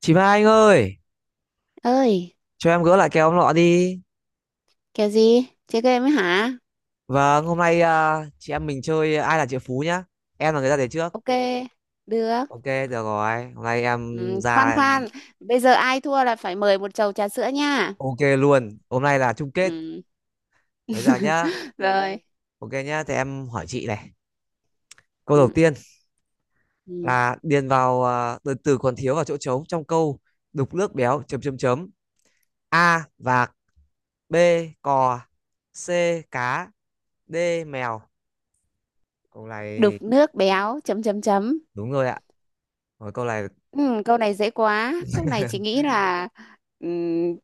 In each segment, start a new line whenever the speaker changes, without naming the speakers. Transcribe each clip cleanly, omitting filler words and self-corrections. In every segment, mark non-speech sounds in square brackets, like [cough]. Chị Mai Anh ơi,
Ơi?
cho em gỡ lại cái ông lọ đi.
Kèo gì, chơi game ấy hả?
Vâng, hôm nay chị em mình chơi ai là triệu phú nhá. Em là người ra đề trước.
Ok, được.
Ok, được rồi. Hôm nay em
Ừ, khoan
ra
khoan, bây giờ ai thua là phải mời một chầu trà sữa nha.
ok luôn. Hôm nay là chung kết.
Ừ.
Bây giờ nhá.
[laughs] Rồi.
Ok nhá, thì em hỏi chị này. Câu đầu
Ừ.
tiên
Ừ.
là điền vào à, từ từ còn thiếu vào chỗ trống trong câu đục nước béo chấm chấm chấm. A vạc, B cò, C cá, D mèo. Câu này
Đục
thì
nước béo chấm chấm chấm.
đúng rồi ạ. Rồi câu này
Ừ, Câu này dễ quá, câu này chị nghĩ là, ừ,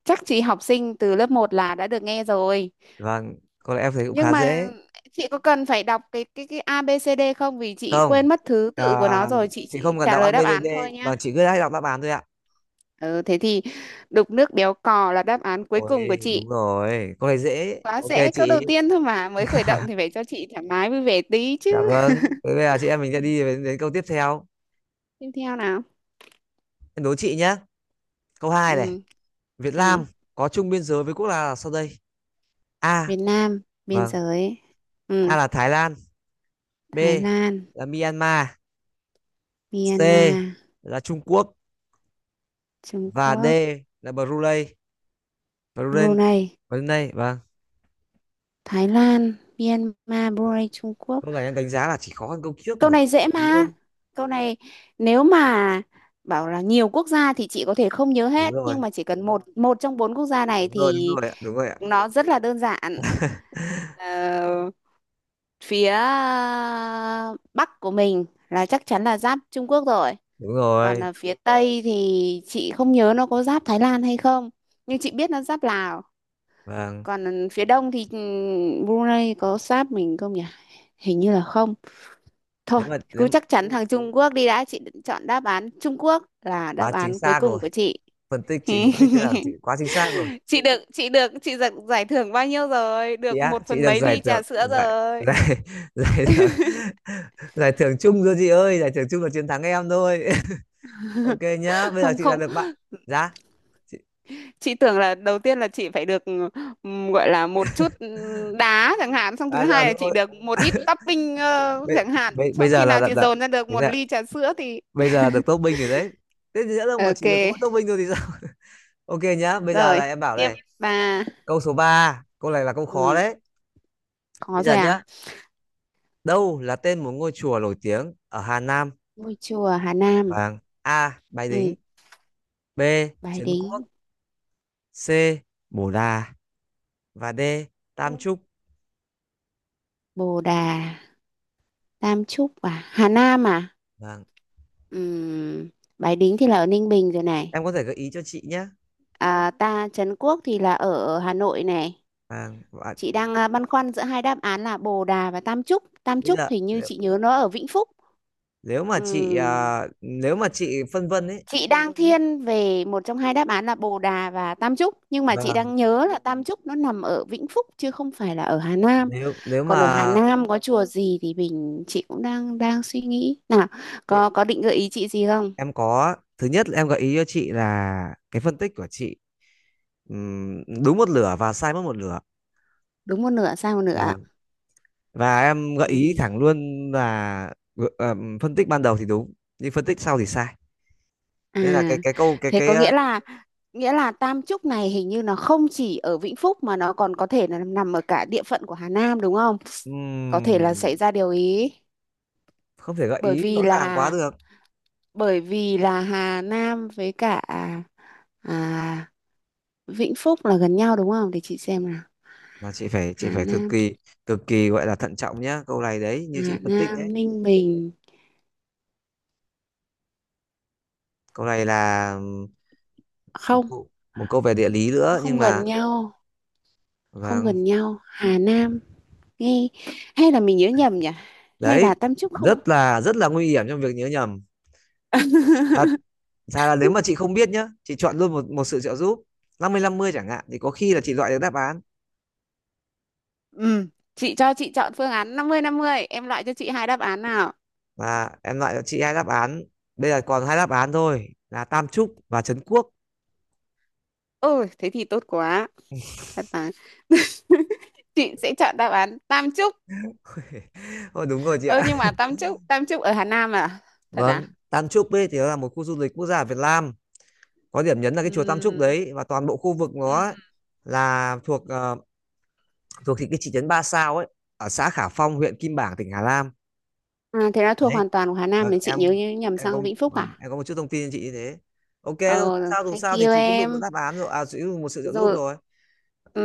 chắc chị học sinh từ lớp một là đã được nghe rồi.
vâng, câu này em thấy cũng
Nhưng
khá
mà
dễ.
chị có cần phải đọc cái A B C D không, vì chị
Không
quên mất thứ
à,
tự của nó rồi, chị
chị
chị
không cần
trả
đọc a
lời đáp
ABCD
án thôi.
và chị cứ hay đọc đáp án thôi ạ.
Ừ, thế thì đục nước béo cò là đáp án cuối cùng của
Ôi
chị.
đúng rồi, câu này dễ,
Quá
ok
dễ, câu đầu
chị.
tiên thôi mà, mới khởi động thì
[laughs]
phải cho chị thoải mái vui vẻ tí chứ.
Dạ vâng, thế bây giờ chị em mình sẽ
Ừ,
đi đến câu tiếp theo.
tiếp theo nào.
Em đố chị nhé, câu hai này:
Ừ.
Việt
Ừ.
Nam có chung biên giới với quốc gia nào sau đây? A
Việt Nam, biên
vâng,
giới.
A
Ừ.
là Thái Lan, B
Thái Lan,
là Myanmar, C
Myanmar,
là Trung Quốc
Trung
và D
Quốc,
là Brunei. Brunei.
Brunei.
Brunei vâng.
Thái Lan, Myanmar, Brunei, Trung Quốc.
Câu này em đánh giá là chỉ khó hơn câu trước
Câu
một
này dễ
tí
mà.
thôi.
Câu này nếu mà bảo là nhiều quốc gia thì chị có thể không nhớ
Đúng
hết,
rồi,
nhưng mà chỉ cần một một trong bốn quốc gia này
đúng rồi đúng
thì
rồi ạ, đúng rồi ạ.
nó rất là đơn giản. Ờ, phía Bắc của mình là chắc chắn là giáp Trung Quốc rồi.
Đúng
Còn
rồi
ở phía Tây thì chị không nhớ nó có giáp Thái Lan hay không. Nhưng chị biết nó giáp Lào.
vâng.
Còn phía Đông thì, Brunei có giáp mình không nhỉ? Hình như là không. Thôi,
nếu mà nếu
cứ
mà
chắc chắn thằng Trung Quốc đi đã, chị định chọn đáp án Trung Quốc là đáp
quá chính
án cuối
xác
cùng
rồi.
của chị.
Phân tích, chị phân tích thế là chị
[laughs]
quá chính xác rồi.
Chị được, chị được, chị giật giải thưởng bao nhiêu rồi?
Chị
Được
á,
một
chị
phần
được
mấy
giải
ly
thưởng,
trà sữa
giải
rồi.
giải [laughs] giải thưởng, giải thưởng chung rồi chị ơi, giải thưởng chung là chiến thắng em thôi. [laughs] Ok nhá,
[laughs]
bây giờ
Không
chị đã
không,
được bạn giá chị...
chị tưởng là đầu tiên là chị phải được gọi là một chút đá chẳng hạn, xong thứ
À, à
hai là
đúng
chị
rồi,
được một ít topping
bây,
chẳng hạn,
bây, bây
xong
giờ
khi
là
nào chị dồn ra được
thế
một
nè,
ly trà sữa thì
bây
[laughs]
giờ được top binh rồi đấy. Thế thì nữa đâu mà chỉ
ok.
được có mỗi top binh thôi thì sao. [laughs] Ok nhá, bây giờ
Rồi,
là em bảo
tiếp
này,
bà.
câu số 3. Câu này là câu khó
Ừ,
đấy.
có
Bây giờ
rồi à?
nhá, đâu là tên một ngôi chùa nổi tiếng ở Hà Nam?
Ngôi chùa Hà Nam,
Vâng. A. Bái Đính.
ừ,
B.
Bái
Trấn Quốc.
Đính,
C. Bồ Đà. Và D. Tam Trúc.
Bồ Đà, Tam Chúc à, Hà Nam à?
Vâng.
Ừm, Bái Đính thì là ở Ninh Bình rồi này.
Em có thể gợi ý cho chị nhé.
À, ta Trấn Quốc thì là ở Hà Nội này.
Vâng. Và
Chị đang băn khoăn giữa hai đáp án là Bồ Đà và Tam Chúc. Tam
bây
Chúc
giờ
hình như
nếu,
chị nhớ nó ở Vĩnh Phúc.
nếu mà chị
Ừm,
nếu mà chị phân vân ấy.
chị đang thiên về một trong hai đáp án là Bồ Đà và Tam Chúc, nhưng mà chị
Vâng.
đang nhớ là Tam Chúc nó nằm ở Vĩnh Phúc chứ không phải là ở Hà Nam.
Nếu nếu
Còn
mà
ở Hà Nam có chùa gì thì mình chị cũng đang đang suy nghĩ. Nào, có định gợi ý chị gì không?
em có thứ nhất là em gợi ý cho chị là cái phân tích của chị đúng một lửa và sai mất một lửa.
Đúng một nửa sai một nửa.
Vâng. Và em gợi ý
Ừ.
thẳng luôn là ờ, phân tích ban đầu thì đúng nhưng phân tích sau thì sai. Nên là cái
À,
cái câu cái
thế
cái
có
ờ,
nghĩa là Tam Trúc này hình như nó không chỉ ở Vĩnh Phúc mà nó còn có thể là nằm ở cả địa phận của Hà Nam đúng không? Có thể là xảy
Ừm,
ra điều ý,
không thể gợi
bởi
ý rõ
vì
ràng quá
là
được,
bởi vì là Hà Nam với cả à, Vĩnh Phúc là gần nhau đúng không? Để chị xem nào.
mà chị phải
Hà
cực
Nam,
kỳ, cực kỳ gọi là thận trọng nhá câu này đấy, như
Hà
chị phân tích
Nam,
đấy.
Ninh Bình,
Câu này là một
không,
câu, một câu về địa lý
nó
nữa nhưng
không
mà
gần nhau, không
vâng
gần nhau. Hà Nam, nghe, hay là mình nhớ nhầm nhỉ, hay
đấy,
là Tam Trúc không.
rất là nguy hiểm trong việc nhớ nhầm. Thật
[laughs]
ra là nếu mà chị không biết nhá, chị chọn luôn một một sự trợ giúp năm mươi chẳng hạn, thì có khi là chị loại được đáp án
Ừ. Chị cho chị chọn phương án năm mươi năm mươi, em loại cho chị hai đáp án nào.
và em loại cho chị hai đáp án. Bây giờ còn hai đáp án thôi là Tam Trúc và Trấn Quốc.
Ôi thế thì tốt quá. Thật mà. [laughs] Chị sẽ chọn đáp án Tam Trúc.
[laughs] Ôi, đúng rồi chị
Ơ
ạ.
nhưng mà Tam Trúc, Tam Trúc ở Hà Nam à? Thật à?
Vâng, Tam Chúc ấy thì nó là một khu du lịch quốc gia ở Việt Nam. Có điểm nhấn là cái chùa Tam Chúc
Ừm.
đấy, và toàn bộ khu vực nó ấy là thuộc thuộc thị cái thị trấn Ba Sao ấy, ở xã Khả Phong, huyện Kim Bảng, tỉnh Hà Nam.
À, thế là thuộc
Đấy,
hoàn toàn của Hà Nam
vâng
thì chị nhớ nhầm
em có
sang Vĩnh Phúc à?
vâng, em có một chút thông tin cho chị như thế. Ok thôi,
Ờ,
không sao, dù
thank
sao thì
you
chị cũng được một
em.
đáp án rồi, à chị cũng được một sự trợ giúp
Rồi,
rồi.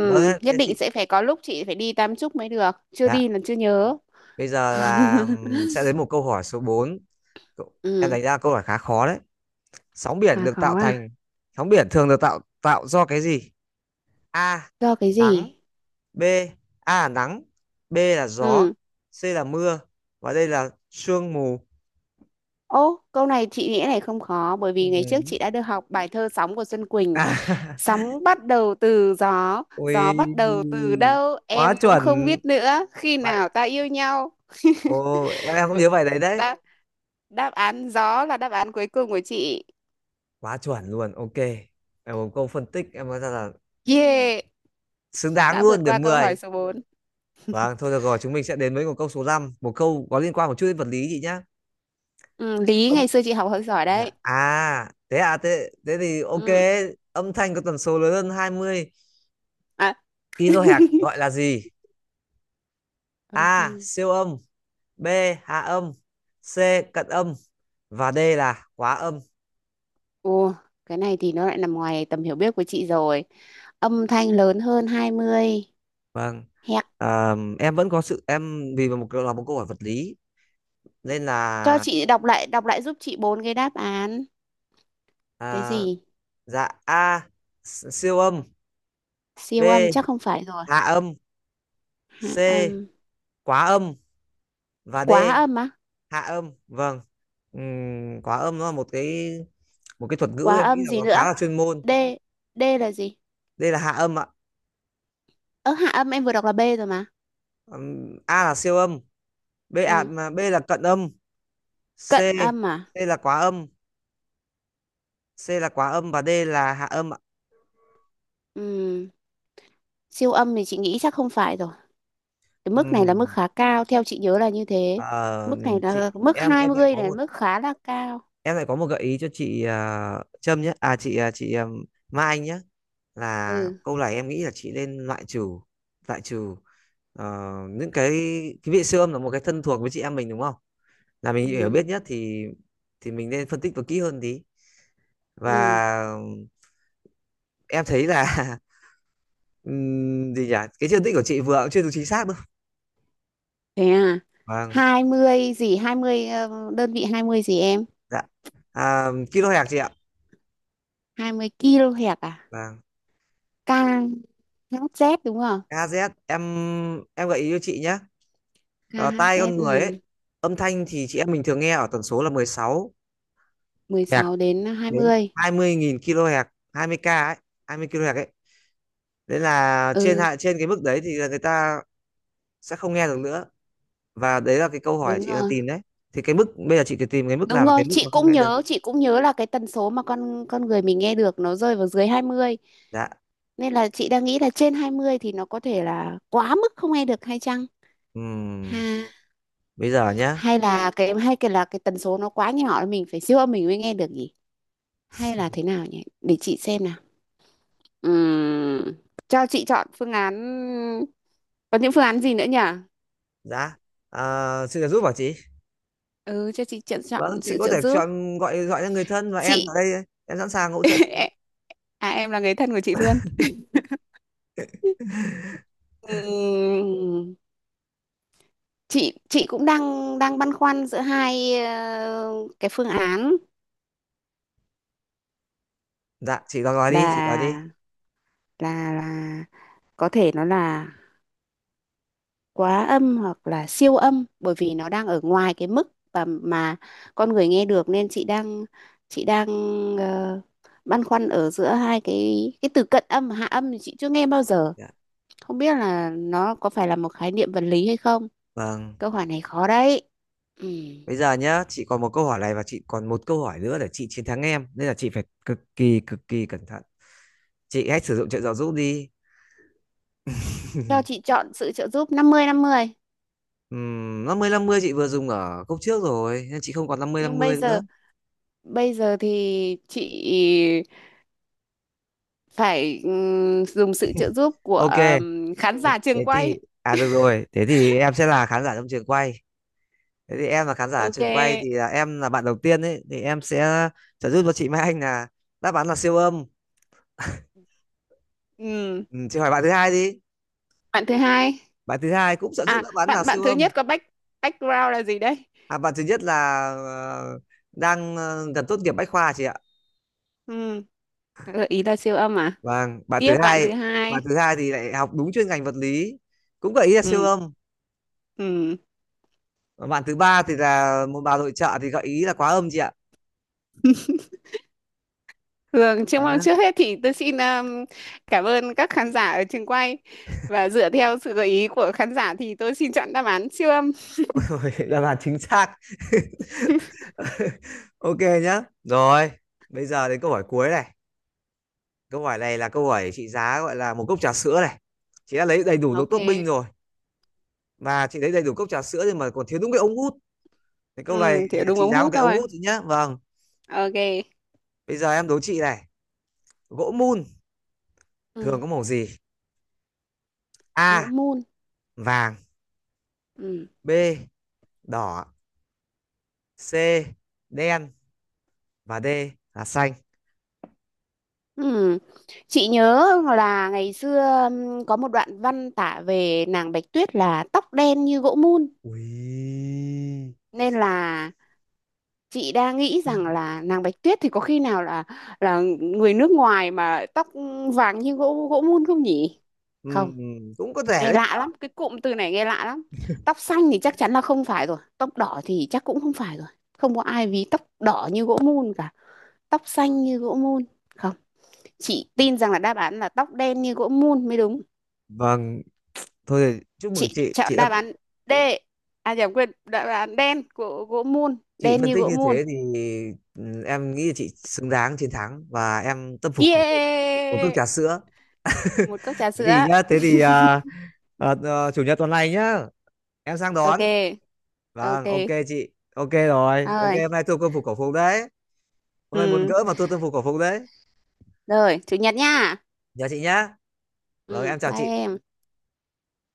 Vâng, thế
nhất
thế
định
chị.
sẽ phải có lúc chị phải đi Tam Trúc mới được, chưa
Dạ,
đi là chưa nhớ.
bây giờ là
[laughs]
sẽ đến một câu hỏi số bốn. Cậu- em
Ừ.
đánh ra câu hỏi khá khó đấy. Sóng biển
Hà,
được tạo
khó à?
thành, sóng biển thường được tạo tạo do cái gì? A
Do cái
nắng,
gì?
B, A là nắng, B là gió,
Ừ.
C là mưa và đây là sương mù.
Ô, câu này chị nghĩ này không khó, bởi
Ừ.
vì ngày trước chị đã được học bài thơ Sóng của Xuân Quỳnh.
À, [laughs]
Sóng bắt đầu từ gió, gió bắt
ui
đầu từ đâu
quá
em cũng
chuẩn
không biết nữa, khi
vậy.
nào ta yêu nhau.
Ồ em cũng nhớ
Vậy-
bài đấy đấy,
đáp đáp án gió là đáp án cuối cùng của chị.
quá chuẩn luôn ok. Em một câu phân tích em nói ra là
Yeah,
xứng đáng
đã vượt
luôn
qua
điểm
câu hỏi
10.
số 4.
Vâng, thôi được rồi, chúng mình sẽ đến với một câu số 5, một câu có liên quan một chút đến vật lý chị nhá.
Ừ, Lý
Âm-
ngày xưa chị học hơi giỏi
dạ.
đấy.
Thế thì ok.
Ừ.
Âm thanh có tần số lớn hơn hai mươi
À. [laughs]
kilohertz gọi là gì?
Âm
A.
thanh.
Siêu âm. B. Hạ âm. C. Cận âm. Và D là quá âm.
Ồ, cái này thì nó lại nằm ngoài tầm hiểu biết của chị rồi. Âm thanh lớn hơn 20
Vâng
Hẹt.
em vẫn có sự em vì một là một câu hỏi vật lý nên
Cho
là
chị đọc lại giúp chị bốn cái đáp án. Cái
à,
gì?
dạ A siêu âm,
Siêu âm
B
chắc không phải rồi.
hạ âm,
Hạ
C
âm.
quá âm và D
Quá âm á?
hạ âm vâng. Quá âm nó là một cái, một cái thuật ngữ
Quá
em nghĩ
âm
là
gì
nó khá
nữa?
là chuyên môn.
D. D là gì?
Đây là hạ âm ạ.
Ơ hạ âm em vừa đọc là B rồi mà.
A là siêu âm, B à,
Ừ.
mà B là cận âm, C,
Cận âm à?
C là quá âm, C là quá âm và D là hạ âm ạ.
Ừ. Siêu âm thì chị nghĩ chắc không phải rồi. Cái
Ừ.
mức này là mức khá cao theo chị nhớ là như thế.
Ờ,
Mức này là
chị
mức hai
lại
mươi
có
này,
một,
mức khá là cao.
em lại có một gợi ý cho chị ờ, Trâm nhé à chị ờ, Mai Anh nhé, là
Ừ.
câu này em nghĩ là chị nên loại trừ, loại trừ ờ, những cái vị siêu âm là một cái thân thuộc với chị em mình đúng không, là mình hiểu
Ừ.
biết nhất thì mình nên phân tích và kỹ hơn tí.
Ừ.
Và em thấy là [laughs] gì nhỉ, cái phân tích của chị vừa cũng chưa được chính xác đâu.
Thế à?
Vâng.
Hai mươi gì? Hai mươi đơn vị 20 gì em?
Dạ kim loại hạt chị ạ.
20 kHz kilohertz à?
Vâng
KHZ đúng không?
KZ. Em em gợi ý cho chị nhé. Ờ, tai con
KHZ.
người
Ừ.
ấy, âm thanh thì chị em mình thường nghe ở tần số là 16
mười
Hz
sáu đến hai
đến
mươi
20.000 kHz, hai mươi k ấy, 20 kHz ấy. Đấy là trên
Ừ
hạ trên cái mức đấy thì là người ta sẽ không nghe được nữa, và đấy là cái câu hỏi
đúng
chị đang
rồi,
tìm đấy. Thì cái mức bây giờ chị cứ tìm cái mức
đúng
nào là
rồi.
cái mức
Chị
mà không
cũng
nghe được.
nhớ, chị cũng nhớ là cái tần số mà con người mình nghe được nó rơi vào dưới 20,
Dạ.
nên là chị đang nghĩ là trên 20 thì nó có thể là quá mức không nghe được hay chăng. Ha,
Ừm, bây giờ nhá,
hay là cái, hay cái là cái tần số nó quá nhỏ mình phải siêu âm mình mới nghe được nhỉ. Hay là thế nào nhỉ, để chị xem nào. Ừm, cho chị chọn phương án, có những phương án gì nữa nhỉ.
dạ xin được giúp bảo chị.
Ừ, cho chị chọn chọn
Vâng chị
sự
có
trợ
thể
giúp.
chọn, gọi gọi cho người thân, và em
Chị.
ở đây em sẵn sàng hỗ trợ chị.
[laughs] À em là người thân của chị luôn. Ừm, chị cũng đang đang băn khoăn giữa hai cái phương án
Dạ chị gọi gọi đi, chị gọi đi.
là, là có thể nó là quá âm hoặc là siêu âm bởi vì nó đang ở ngoài cái mức và mà con người nghe được, nên chị đang, chị đang ờ, băn khoăn ở giữa hai cái từ cận âm và hạ âm thì chị chưa nghe bao giờ,
Dạ.
không biết là nó có phải là một khái niệm vật lý hay không.
Vâng
Câu hỏi này khó đấy. Ừ.
bây giờ nhá, chị còn một câu hỏi này và chị còn một câu hỏi nữa để chị chiến thắng em, nên là chị phải cực kỳ, cực kỳ cẩn thận. Chị hãy sử dụng trợ giáo giúp đi.
Cho chị chọn sự trợ giúp năm mươi năm mươi.
Năm mươi chị vừa dùng ở khúc trước rồi nên chị không còn năm
Nhưng bây
mươi nữa.
giờ, thì chị phải dùng sự trợ giúp của
Ok
khán giả trường
thế
quay.
thì à, được rồi, thế thì em sẽ là khán giả trong trường quay. Thế thì em là khán giả
Ok.
trường quay thì là em là bạn đầu tiên ấy, thì em sẽ trợ giúp cho chị Mai Anh là đáp án là siêu âm.
Ừ.
Ừ, chị hỏi bạn thứ hai đi.
Bạn thứ hai.
Bạn thứ hai cũng sợ giúp
À,
đáp án là
bạn bạn
siêu
thứ
âm.
nhất có background là gì đấy?
À, bạn thứ nhất là ờ, đang gần tốt nghiệp bách khoa chị ạ.
Ừ. Gợi ý là siêu âm à?
Vâng, bạn
Tiếp
thứ
bạn thứ
hai,
hai.
thì lại học đúng chuyên ngành vật lý, cũng gợi ý là siêu
Ừ.
âm.
Ừ.
Và bạn thứ ba thì là một bà nội trợ thì gợi ý là quá âm chị ạ.
Thường trước
Nhá.
trước hết thì tôi xin cảm ơn các khán giả ở trường quay, và dựa theo sự gợi ý của khán giả thì tôi xin chọn đáp án siêu âm.
[laughs] Ôi, đáp án chính xác. [laughs] Ok nhá. Rồi, bây giờ đến câu hỏi cuối này. Câu hỏi này là câu hỏi trị giá gọi là một cốc trà sữa này. Chị đã lấy đầy đủ đồ
Ok.
tốt binh rồi. Và chị lấy đầy đủ cốc trà sữa nhưng mà còn thiếu đúng cái ống hút. Cái câu này
Ừ,
thì
thì đúng
trị
ống
giá một
hút
cái ống
thôi.
hút thôi nhá. Vâng.
Ok.
Bây giờ em đố chị này. Gỗ mun thường
Ừ,
có màu gì?
gỗ
A.
mun.
Vàng.
Ừ.
B. Đỏ. C. Đen. Và D là xanh.
Ừ. Chị nhớ là ngày xưa có một đoạn văn tả về nàng Bạch Tuyết là tóc đen như gỗ mun,
Ui.
nên là chị đang nghĩ rằng là nàng Bạch Tuyết thì có khi nào là người nước ngoài mà tóc vàng như gỗ gỗ mun không nhỉ? Không,
Ừm, cũng có thể
nghe
đấy.
lạ lắm, cái cụm từ này nghe lạ lắm. Tóc xanh thì chắc chắn là không phải rồi, tóc đỏ thì chắc cũng không phải rồi. Không có ai ví tóc đỏ như gỗ mun cả, tóc xanh như gỗ mun. Không, chị tin rằng là đáp án là tóc đen như gỗ mun mới đúng.
Vâng. Thôi thì chúc mừng
Chị
chị.
chọn
Chị đã,
đáp án D, à nhầm, quên, đáp án đen của gỗ mun,
chị
đen
phân
như
tích
gỗ
như
mun.
thế thì em nghĩ là chị xứng đáng chiến thắng và em tâm phục khẩu phục. Một cốc
Yeah,
trà sữa.
một cốc trà
Thế
sữa.
thì nhá, thế thì à, chủ nhật tuần này nhá. Em sang đón.
Ok.
Vâng,
Ok
ok chị. Ok rồi. Ok,
rồi.
hôm nay thua quân phục cổ phục đấy. Hôm nay muốn
Ừ.
gỡ mà thua quân phục cổ phục đấy.
Rồi, chủ nhật nha.
Nhớ chị nhá.
Ừ,
Rồi, em chào
bye
chị.
em.